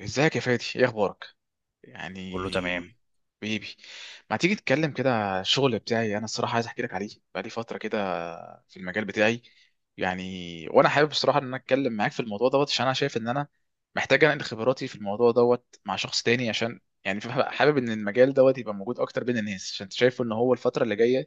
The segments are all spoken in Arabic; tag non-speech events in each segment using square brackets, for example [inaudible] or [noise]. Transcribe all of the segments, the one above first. ازيك يا فادي؟ ايه اخبارك؟ يعني كله تمام. بيبي، ما تيجي تتكلم كده على الشغل بتاعي. انا الصراحه عايز احكي لك عليه بقالي فتره كده، في المجال بتاعي. يعني وانا حابب الصراحه ان انا اتكلم معاك في الموضوع دوت، عشان انا شايف ان انا محتاج انقل خبراتي في الموضوع دوت مع شخص تاني، عشان يعني حابب ان المجال دوت يبقى موجود اكتر بين الناس، عشان شايف ان هو الفتره اللي جايه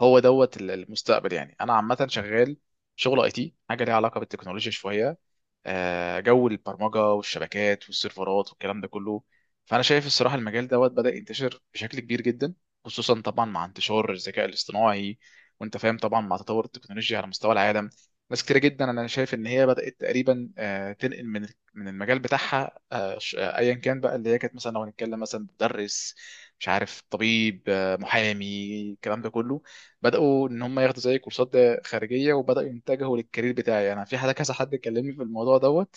هو دوت المستقبل. يعني انا عامه شغال شغل اي تي، حاجه ليها علاقه بالتكنولوجيا شويه. جو البرمجه والشبكات والسيرفرات والكلام ده كله. فانا شايف الصراحه المجال دوت بدا ينتشر بشكل كبير جدا، خصوصا طبعا مع انتشار الذكاء الاصطناعي، وانت فاهم طبعا مع تطور التكنولوجيا على مستوى العالم. ناس كتير جدا انا شايف ان هي بدات تقريبا تنقل من المجال بتاعها، ايا كان بقى اللي هي كانت. مثلا لو هنتكلم مثلا مدرس، مش عارف، طبيب، محامي، الكلام ده كله، بداوا ان هم ياخدوا زي كورسات خارجيه، وبداوا يتجهوا للكارير بتاعي انا. في حد، كذا حد كلمني في الموضوع دوت.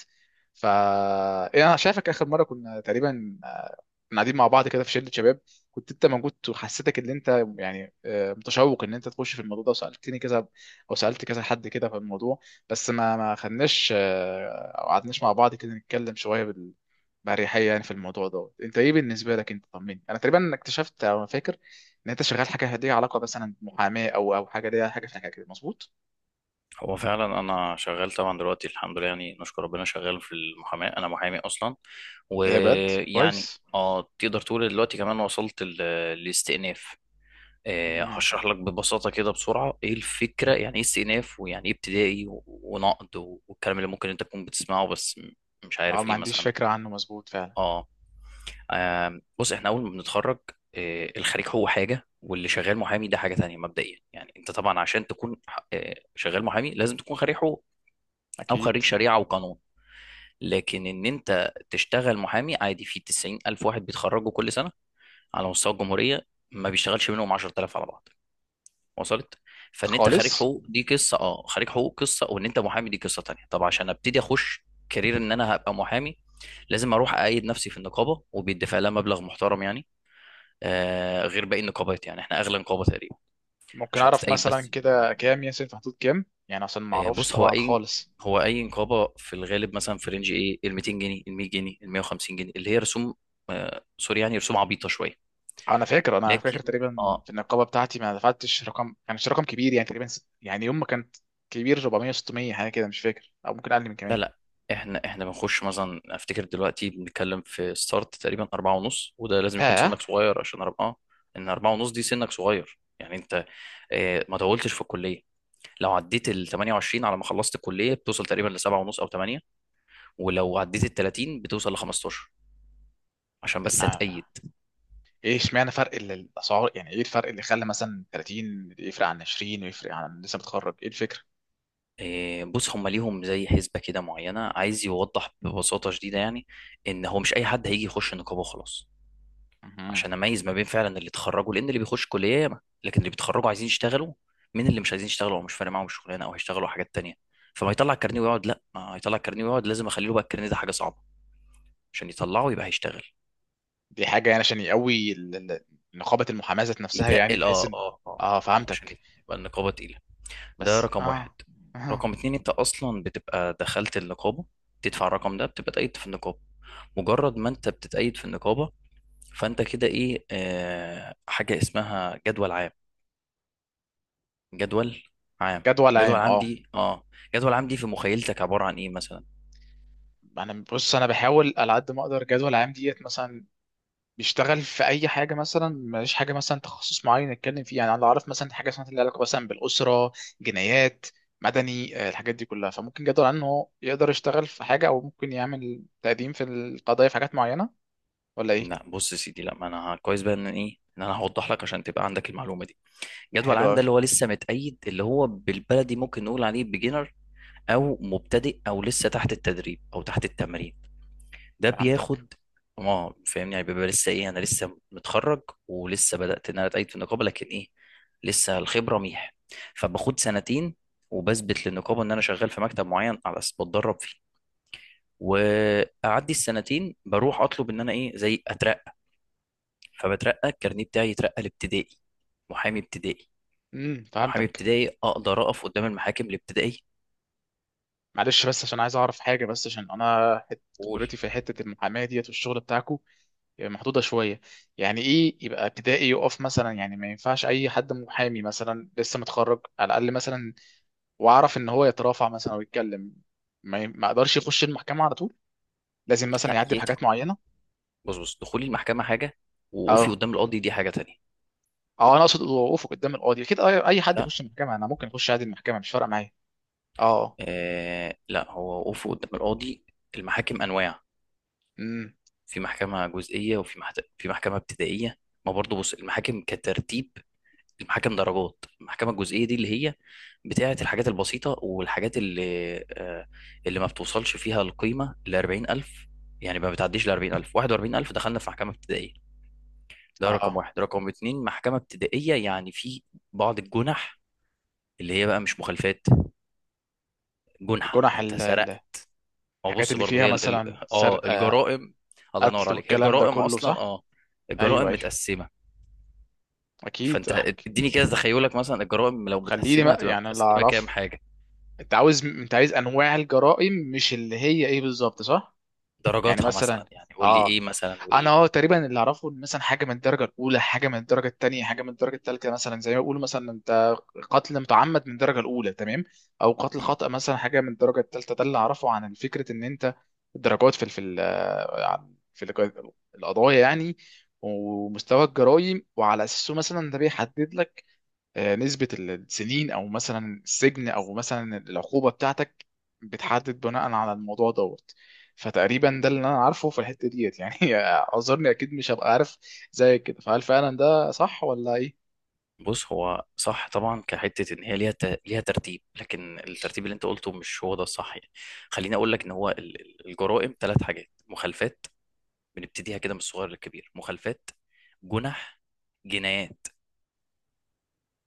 ف يعني انا شايفك اخر مره كنا تقريبا كنا قاعدين مع بعض كده في شله شباب، كنت انت موجود، وحسيتك ان انت يعني متشوق ان انت تخش في الموضوع ده، وسالتني كذا او سالت كذا حد كده في الموضوع. بس ما خدناش او قعدناش مع بعض كده نتكلم شويه بأريحية يعني في الموضوع دوت. انت ايه بالنسبه لك؟ انت طمني، انا تقريبا اكتشفت او فاكر ان انت شغال حاجه ليها علاقه مثلا بمحاماه او او حاجه ليها حاجه في حاجه كده، مظبوط؟ هو فعلا انا شغال طبعا دلوقتي، الحمد لله، يعني نشكر ربنا، شغال في المحاماه، انا محامي اصلا. ايه ده؟ بجد ويعني كويس. تقدر تقول دلوقتي كمان وصلت للاستئناف. مم. هشرح لك ببساطه كده بسرعه ايه الفكره، يعني ايه استئناف، ويعني ايه ابتدائي ونقض والكلام اللي ممكن انت تكون بتسمعه، بس مش اه عارف ما ايه عنديش مثلا. فكرة عنه، مظبوط فعلا. اه. بص احنا اول ما بنتخرج، الخريج هو حاجه، واللي شغال محامي ده حاجه تانية. مبدئيا يعني انت طبعا عشان تكون شغال محامي لازم تكون خريج حقوق، او اكيد. خريج شريعه وقانون. لكن ان انت تشتغل محامي عادي، في 90 الف واحد بيتخرجوا كل سنه على مستوى الجمهوريه، ما بيشتغلش منهم 10,000 على بعض. وصلت؟ فان انت خريج خالص. حقوق دي قصه، اه، خريج حقوق قصه، وان انت محامي دي قصه تانية. طب عشان ابتدي اخش كارير ان انا هبقى محامي، لازم اروح اقيد نفسي في النقابه، وبيدفع لها مبلغ محترم يعني. غير باقي النقابات، يعني احنا اغلى نقابه تقريبا، ممكن عشان اعرف تتقيد مثلا بس. كده كام ياسين في حدود كام يعني؟ عشان ما اعرفش بص، هو طبعا اي خالص. هو اي نقابه في الغالب مثلا في رينج ايه، ال 200 جنيه، ال 100 جنيه، ال 150 جنيه، اللي هي رسوم، سوري، يعني رسوم عبيطه شويه. انا فاكر، انا فاكر لكن تقريبا اه، في النقابة بتاعتي ما دفعتش رقم، كانش رقم كبير يعني. تقريبا ست... يعني يوم ما كانت كبير، 400، 600 حاجة كده، مش فاكر، او ممكن اقل من لا، كمان. لا، احنا بنخش مثلا، افتكر دلوقتي بنتكلم في ستارت تقريبا أربعة ونص. وده لازم يكون اه. سنك صغير، عشان أربعة، ان أربعة ونص دي سنك صغير يعني. انت ما طولتش في الكليه. لو عديت ال 28 على ما خلصت الكليه، بتوصل تقريبا ل 7 ونص او 8. ولو عديت ال 30، بتوصل ل 15، عشان طب بس ما- هتأيد. ايه اشمعنى فرق الاسعار؟ يعني ايه الفرق اللي خلى مثلا 30 يفرق عن 20، ويفرق عن لسه متخرج؟ ايه الفكرة؟ إيه، بص هم ليهم زي حسبة كده معينة، عايز يوضح ببساطة شديدة يعني، إن هو مش أي حد هيجي يخش نقابة وخلاص. مهم. عشان أميز ما بين فعلا اللي اتخرجوا، لأن اللي بيخش كلية ياما، لكن اللي بيتخرجوا عايزين يشتغلوا من اللي مش عايزين يشتغلوا، أو مش فارق معاهم الشغلانة، أو هيشتغلوا حاجات تانية. فما يطلع الكارنيه ويقعد، لا، ما يطلع الكارنيه ويقعد، لازم أخلي له بقى الكارنيه ده حاجة صعبة، عشان يطلعه يبقى هيشتغل. دي حاجة يعني عشان يقوي نقابة المحاماة ذات نفسها، يعني يتقل. بحيث أه، ان... أه، أه. اه فهمتك. عشان يبقى النقابة تقيلة. ده بس رقم واحد. اه. اه. رقم اتنين، أنت أصلا بتبقى دخلت النقابة، تدفع الرقم ده بتبقى تقيد في النقابة. مجرد ما انت بتتأيد في النقابة، فانت كده ايه، حاجة اسمها جدول عام. جدول عام. جدول جدول عام، عام اه. دي، جدول عام دي في مخيلتك عبارة عن ايه مثلا؟ انا بص، انا بحاول على قد ما اقدر. جدول عام ديت مثلا بيشتغل في اي حاجه. مثلا ماليش حاجه مثلا تخصص معين نتكلم فيه. يعني انا اعرف مثلا حاجه اسمها اللي علاقه مثلا بالاسره، جنايات، مدني، الحاجات دي كلها. فممكن جدول عام ان هو يقدر يشتغل في حاجه، او ممكن يعمل تقديم في القضايا في حاجات معينه، ولا لا، ايه؟ بص يا سيدي، لا، ما انا كويس بقى ان انا هوضح لك عشان تبقى عندك المعلومة دي. جدول حلو عام ده قوي. اللي هو لسه متأيد، اللي هو بالبلدي ممكن نقول عليه بيجنر، او مبتدئ، او لسه تحت التدريب، او تحت التمرين. ده فهمتك. بياخد. اه، فاهمني يعني، بيبقى لسه ايه، انا لسه متخرج، ولسه بدأت ان انا اتأيد في النقابة، لكن ايه، لسه الخبرة ميح، فباخد سنتين، وبثبت للنقابة ان انا شغال في مكتب معين، على اساس بتدرب فيه. واعدي السنتين، بروح اطلب ان انا ايه، زي اترقى. فبترقى الكارنيه بتاعي، يترقى لابتدائي. محامي ابتدائي. امم، محامي فهمتك. ابتدائي اقدر اقف قدام المحاكم الابتدائية. معلش، بس عشان عايز اعرف حاجه، بس عشان واقول، خبرتي في حته المحاماه ديت والشغل بتاعكو محدوده شويه. يعني ايه يبقى ابتدائي يقف مثلا؟ يعني ما ينفعش اي حد محامي مثلا لسه متخرج على الاقل مثلا، واعرف ان هو يترافع مثلا او يتكلم؟ ما اقدرش يخش المحكمه على طول، لازم مثلا لا يعدي يدخل. بحاجات معينه. بص بص، دخولي المحكمة حاجة، ووقوفي اه. قدام القاضي دي حاجة تانية. اه انا اقصد وقوفه قدام القاضي. كده اي أي حد لا، يخش المحكمه، انا ممكن اخش عادي المحكمه، مش فارقه معايا. اه. لا، هو وقوفه قدام القاضي. المحاكم انواع. امم. في محكمه جزئيه، وفي في محكمه ابتدائيه. ما برضه بص، المحاكم كترتيب، المحاكم درجات. المحكمه الجزئيه دي اللي هي بتاعه الحاجات البسيطه، والحاجات اللي اللي ما بتوصلش فيها القيمه ل 40,000. يعني ما بتعديش ل 40,000، 41,000 دخلنا في محكمه ابتدائيه. ده رقم اه. واحد. رقم اتنين، محكمه ابتدائيه يعني في بعض الجنح، اللي هي بقى مش مخالفات، جنح، جنح يعني انت سرقت. هو الحاجات بص، اللي برضه فيها هي مثلا سرقه، الجرائم. الله ينور قتل، عليك، هي والكلام ده الجرائم كله، اصلا، صح؟ اه، ايوه، الجرائم ايوه. متقسمه. اكيد، فانت احكي. اديني كده تخيلك مثلا، الجرائم لو خليني متقسمه، بقى هتبقى يعني اللي متقسمه كام اعرفه. حاجه؟ انت عاوز، انت عايز انواع الجرائم مش اللي هي ايه بالظبط، صح؟ يعني درجاتها مثلا، مثلا يعني، قول لي اه، ايه مثلا، انا وايه. اه تقريبا اللي اعرفه ان مثلا حاجه من الدرجه الاولى، حاجه من الدرجه الثانيه، حاجه من الدرجه الثالثه. مثلا زي ما بيقولوا مثلا: انت قتل متعمد من الدرجه الاولى، تمام، او قتل مم. خطأ مثلا حاجه من الدرجه الثالثه. ده اللي اعرفه عن فكره ان انت الدرجات في القضايا يعني، ومستوى الجرائم، وعلى اساسه مثلا ده بيحدد لك نسبة السنين أو مثلا السجن أو مثلا العقوبة بتاعتك، بتحدد بناء على الموضوع دوت. فتقريبا ده اللي أنا عارفه في الحتة ديت يعني [laughs] أعذرني، أكيد مش هبقى عارف زي كده. فهل فعلا ده صح ولا إيه؟ بص، هو صح طبعا كحته ان هي ليها ليها ترتيب، لكن ماشي. الترتيب اللي انت قلته مش هو ده الصح يعني. خليني اقول لك ان هو الجرائم ثلاث حاجات. مخالفات، بنبتديها كده من الصغير للكبير. مخالفات، جنح، جنايات.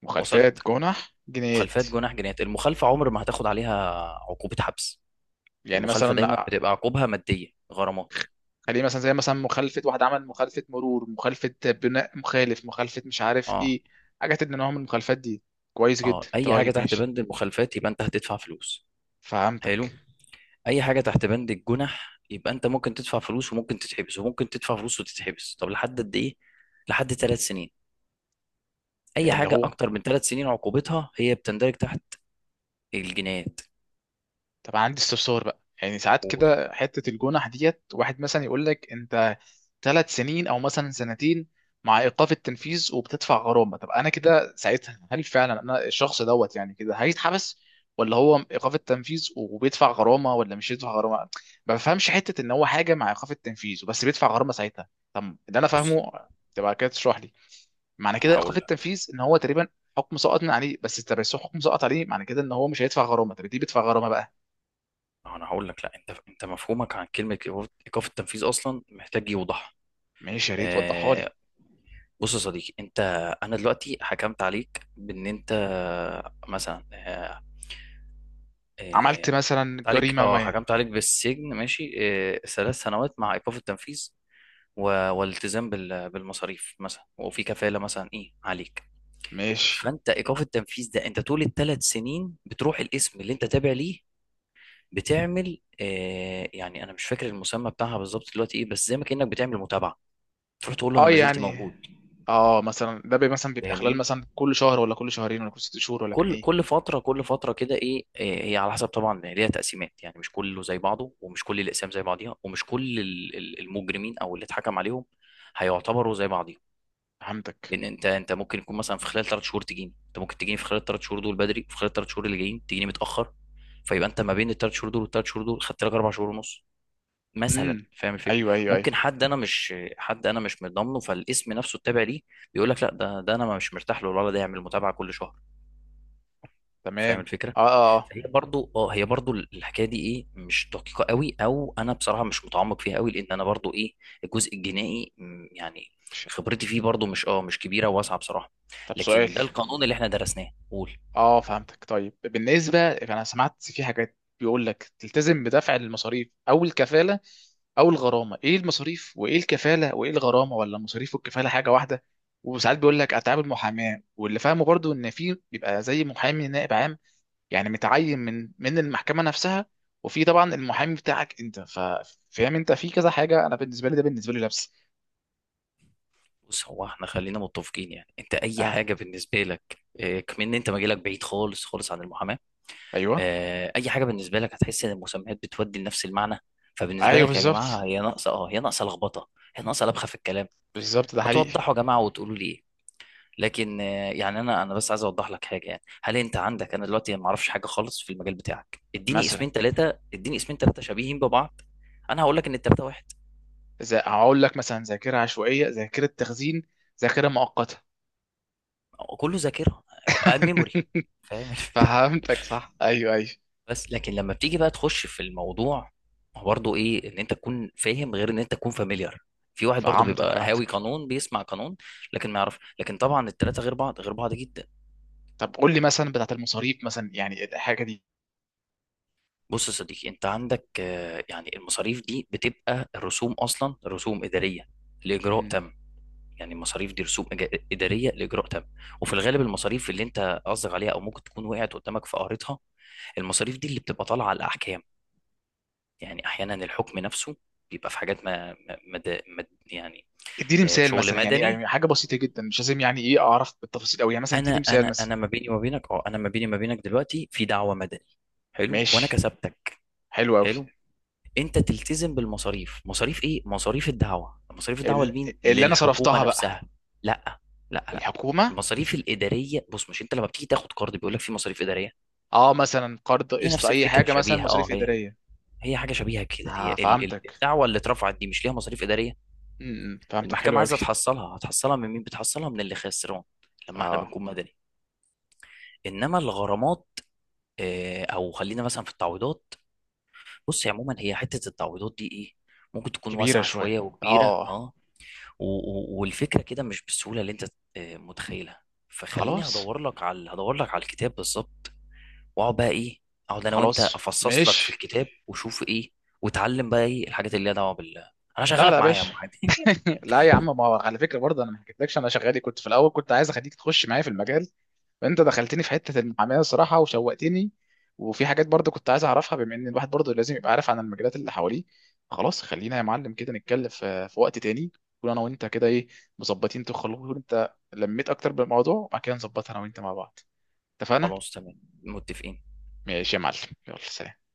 مخالفات، وصلت؟ جنح، جنايات. مخالفات، جناح، جنايات. المخالفة عمر ما هتاخد عليها عقوبة حبس، يعني مثلا، المخالفة دايما بتبقى عقوبها مادية، غرامات. خليه مثلا زي مثلا مخالفة، واحد عمل مخالفة مرور، مخالفة بناء مخالف، مخالفة مش عارف اه، إيه، حاجات من نوع من المخالفات دي. كويس جدا، اه. اي حاجة طيب تحت ماشي. بند المخالفات يبقى انت هتدفع فلوس. حلو. فهمتك. اي حاجة تحت بند الجنح يبقى انت ممكن تدفع فلوس، وممكن تتحبس، وممكن تدفع فلوس وتتحبس. طب لحد قد ايه؟ لحد 3 سنين. اي اللي حاجة هو. اكتر من 3 سنين، عقوبتها هي بتندرج تحت الجنايات. طب عندي استفسار بقى. يعني ساعات قول. كده حتة الجنح ديت، واحد مثلا يقول لك انت ثلاث سنين او مثلا سنتين مع ايقاف التنفيذ وبتدفع غرامة. طب انا كده ساعتها هل فعلا انا الشخص دوت يعني كده هيتحبس، ولا هو ايقاف التنفيذ وبيدفع غرامة، ولا مش يدفع غرامة؟ ما بفهمش حتة ان هو حاجة مع ايقاف التنفيذ وبس بيدفع غرامة ساعتها. طب اللي انا بص، فاهمه، تبقى كده تشرح لي معنى انا كده ايقاف هقول لك التنفيذ ان هو تقريبا حكم سقط من عليه، بس انت بس حكم سقط عليه معنى كده ان هو مش هيدفع غرامه، طب دي بيدفع غرامه بقى. انا هقول لك لا، انت مفهومك عن كلمة ايقاف التنفيذ اصلا محتاج يوضح. ماشي، يا ريت وضحها لي. آه، بص يا صديقي، انت، انا دلوقتي حكمت عليك بان انت مثلا عملت آه، مثلا جريمة ما. حكمت عليك بالسجن ماشي، 3 سنوات مع ايقاف التنفيذ، والالتزام بالمصاريف مثلا، وفي كفالة مثلا ايه عليك. ماشي. فانت ايقاف التنفيذ ده، انت طول الثلاث سنين بتروح الاسم اللي انت تابع ليه، بتعمل يعني انا مش فاكر المسمى بتاعها بالظبط دلوقتي ايه، بس زي ما كانك بتعمل متابعة. تروح تقول له انا اه ما زلت يعني، موجود. اه مثلا ده بي مثلا بيبقى خلال فاهمني؟ مثلا كل شهر، ولا كل شهرين، ولا كل ست شهور، ولا كان كل ايه؟ كل فتره، كل فتره كده، ايه، إيه، هي على حسب طبعا ليها تقسيمات. يعني مش كله زي بعضه، ومش كل الاقسام زي بعضيها، ومش كل المجرمين او اللي اتحكم عليهم هيعتبروا زي بعضيهم. فهمتك. لان انت ممكن يكون مثلا، في خلال 3 شهور تجيني، انت ممكن تجيني في خلال ال 3 شهور دول بدري، في خلال الثلاث شهور اللي جايين تجيني متاخر. فيبقى انت ما بين الثلاث شهور دول والثلاث شهور دول، خدت لك 4 شهور ونص امم. مثلا، فاهم الفكره؟ ايوه، ايوه، ايوه. ممكن حد، انا مش حد، انا مش مضامنه فالاسم نفسه التابع ليه، بيقول لك لا، ده انا مش مرتاح له، ولا ده يعمل متابعه كل شهر. تمام. فاهم الفكره. اه اه اه. فهي برضو اه هي برضو الحكايه دي، ايه، مش دقيقه قوي، او انا بصراحه مش متعمق فيها قوي، لان انا برضو ايه، الجزء الجنائي يعني مش. خبرتي فيه برضو، مش، اه، مش كبيره وواسعه بصراحه. طب سؤال. لكن ده القانون اللي احنا درسناه. قول. اه فهمتك. طيب بالنسبة، انا سمعت في حاجات بيقول لك تلتزم بدفع المصاريف او الكفالة او الغرامة. ايه المصاريف وايه الكفالة وايه الغرامة؟ ولا المصاريف والكفالة حاجة واحدة؟ وساعات بيقول لك اتعاب المحاماة. واللي فاهمه برضو ان في بيبقى زي محامي نائب عام، يعني متعين من المحكمة نفسها، وفي طبعا المحامي بتاعك انت. فاهم انت في كذا حاجة، انا بالنسبة لي ده بالنسبة لي لبس. بص، هو احنا خلينا متفقين، يعني انت اي اه. حاجه بالنسبه لك، كمان انت مجالك بعيد خالص خالص عن المحاماه. ايوه، اي حاجه بالنسبه لك هتحس ان المسميات بتودي لنفس المعنى. فبالنسبه ايوه لك يا بالظبط. جماعه، هي ناقصه لخبطه، هي ناقصه لبخه في الكلام. بالظبط، ده ما حقيقي. توضحوا يا جماعه وتقولوا لي إيه. لكن يعني انا بس عايز اوضح لك حاجه، يعني هل انت عندك، انا دلوقتي ما اعرفش حاجه خالص في المجال بتاعك، اديني مثلا اسمين ثلاثه، اديني اسمين ثلاثه شبيهين ببعض. انا هقول لك ان الثلاثه واحد. زي، هقول لك مثلا، ذاكره عشوائيه، ذاكره تخزين، ذاكره مؤقته. كله ذاكره. ميموري. [laughs] فاهم الفكره؟ فهمتك، صح. ايوه، ايوه. [laughs] بس لكن لما بتيجي بقى تخش في الموضوع، هو برضه ايه، ان انت تكون فاهم غير ان انت تكون فاميليار. في واحد برضه فهمتك، بيبقى هاوي فهمتك. قانون، بيسمع قانون لكن ما يعرف. لكن طبعا الثلاثه غير بعض، غير بعض جدا. طب قول لي مثلا بتاعت المصاريف مثلا، يعني الحاجه دي. بص يا صديقي، انت عندك يعني المصاريف دي بتبقى الرسوم اصلا، رسوم اداريه لاجراء مم. تم. يعني المصاريف دي رسوم اداريه لاجراء تم. وفي الغالب المصاريف اللي انت قصدك عليها، او ممكن تكون وقعت قدامك في قارتها. المصاريف دي اللي بتبقى طالعه على الاحكام. يعني احيانا الحكم نفسه بيبقى في حاجات ما, ما, مد- مد- يعني. اديني مثال شغل مثلا. يعني، مدني. يعني حاجه بسيطه جدا، مش لازم يعني ايه اعرف بالتفاصيل قوي، يعني مثلا اديني مثال مثلا. انا ما بيني وما بينك دلوقتي في دعوه مدني. حلو. وانا ماشي. كسبتك. حلو قوي. حلو. انت تلتزم بالمصاريف. مصاريف ايه؟ مصاريف الدعوه. مصاريف الدعوه لمين؟ اللي انا للحكومه صرفتها بقى. نفسها. لا، لا، لا، الحكومه. المصاريف الاداريه. بص، مش انت لما بتيجي تاخد قرض بيقول لك في مصاريف اداريه؟ اه، مثلا قرض، هي قسط، نفس اي الفكره حاجه مثلا، شبيهه، اه، مصاريف هي اداريه. هي حاجه شبيهه كده. هي اه فهمتك. الدعوه اللي اترفعت دي مش ليها مصاريف اداريه. امم، فهمتك. حلو المحكمه قوي. عايزه تحصلها، هتحصلها من مين؟ بتحصلها من اللي خسران لما احنا اه، بنكون مدني. انما الغرامات، او خلينا مثلا في التعويضات. بص هي عموما، هي حته التعويضات دي، ايه، ممكن تكون كبيره واسعه شويه شويه، اه، وكبيره، اه. والفكره كده مش بالسهوله اللي انت متخيلها. فخليني خلاص. هدور لك على الكتاب بالظبط. واقعد بقى ايه اقعد انا وانت خلاص. افصص لك في ماشي. الكتاب وشوف ايه. وتعلم بقى ايه الحاجات اللي ليها دعوه بال. انا لا لا شغالك يا معايا يا باشا. محمد. [laughs] [laughs] لا يا عم، ما هو على فكره برضه انا ما حكيتلكش، انا شغالي كنت في الاول كنت عايز اخليك تخش معايا في المجال، فانت دخلتني في حته المحاماه الصراحه وشوقتني. وفي حاجات برضه كنت عايز اعرفها، بما ان الواحد برضه لازم يبقى عارف عن المجالات اللي حواليه. خلاص، خلينا يا معلم كده نتكلم في وقت تاني، نكون انا وانت كده ايه، مظبطين. تخلص انت لميت اكتر بالموضوع، وبعد كده نظبطها انا وانت مع بعض. اتفقنا؟ خلاص تمام متفقين. ماشي يا معلم. يلا، سلام.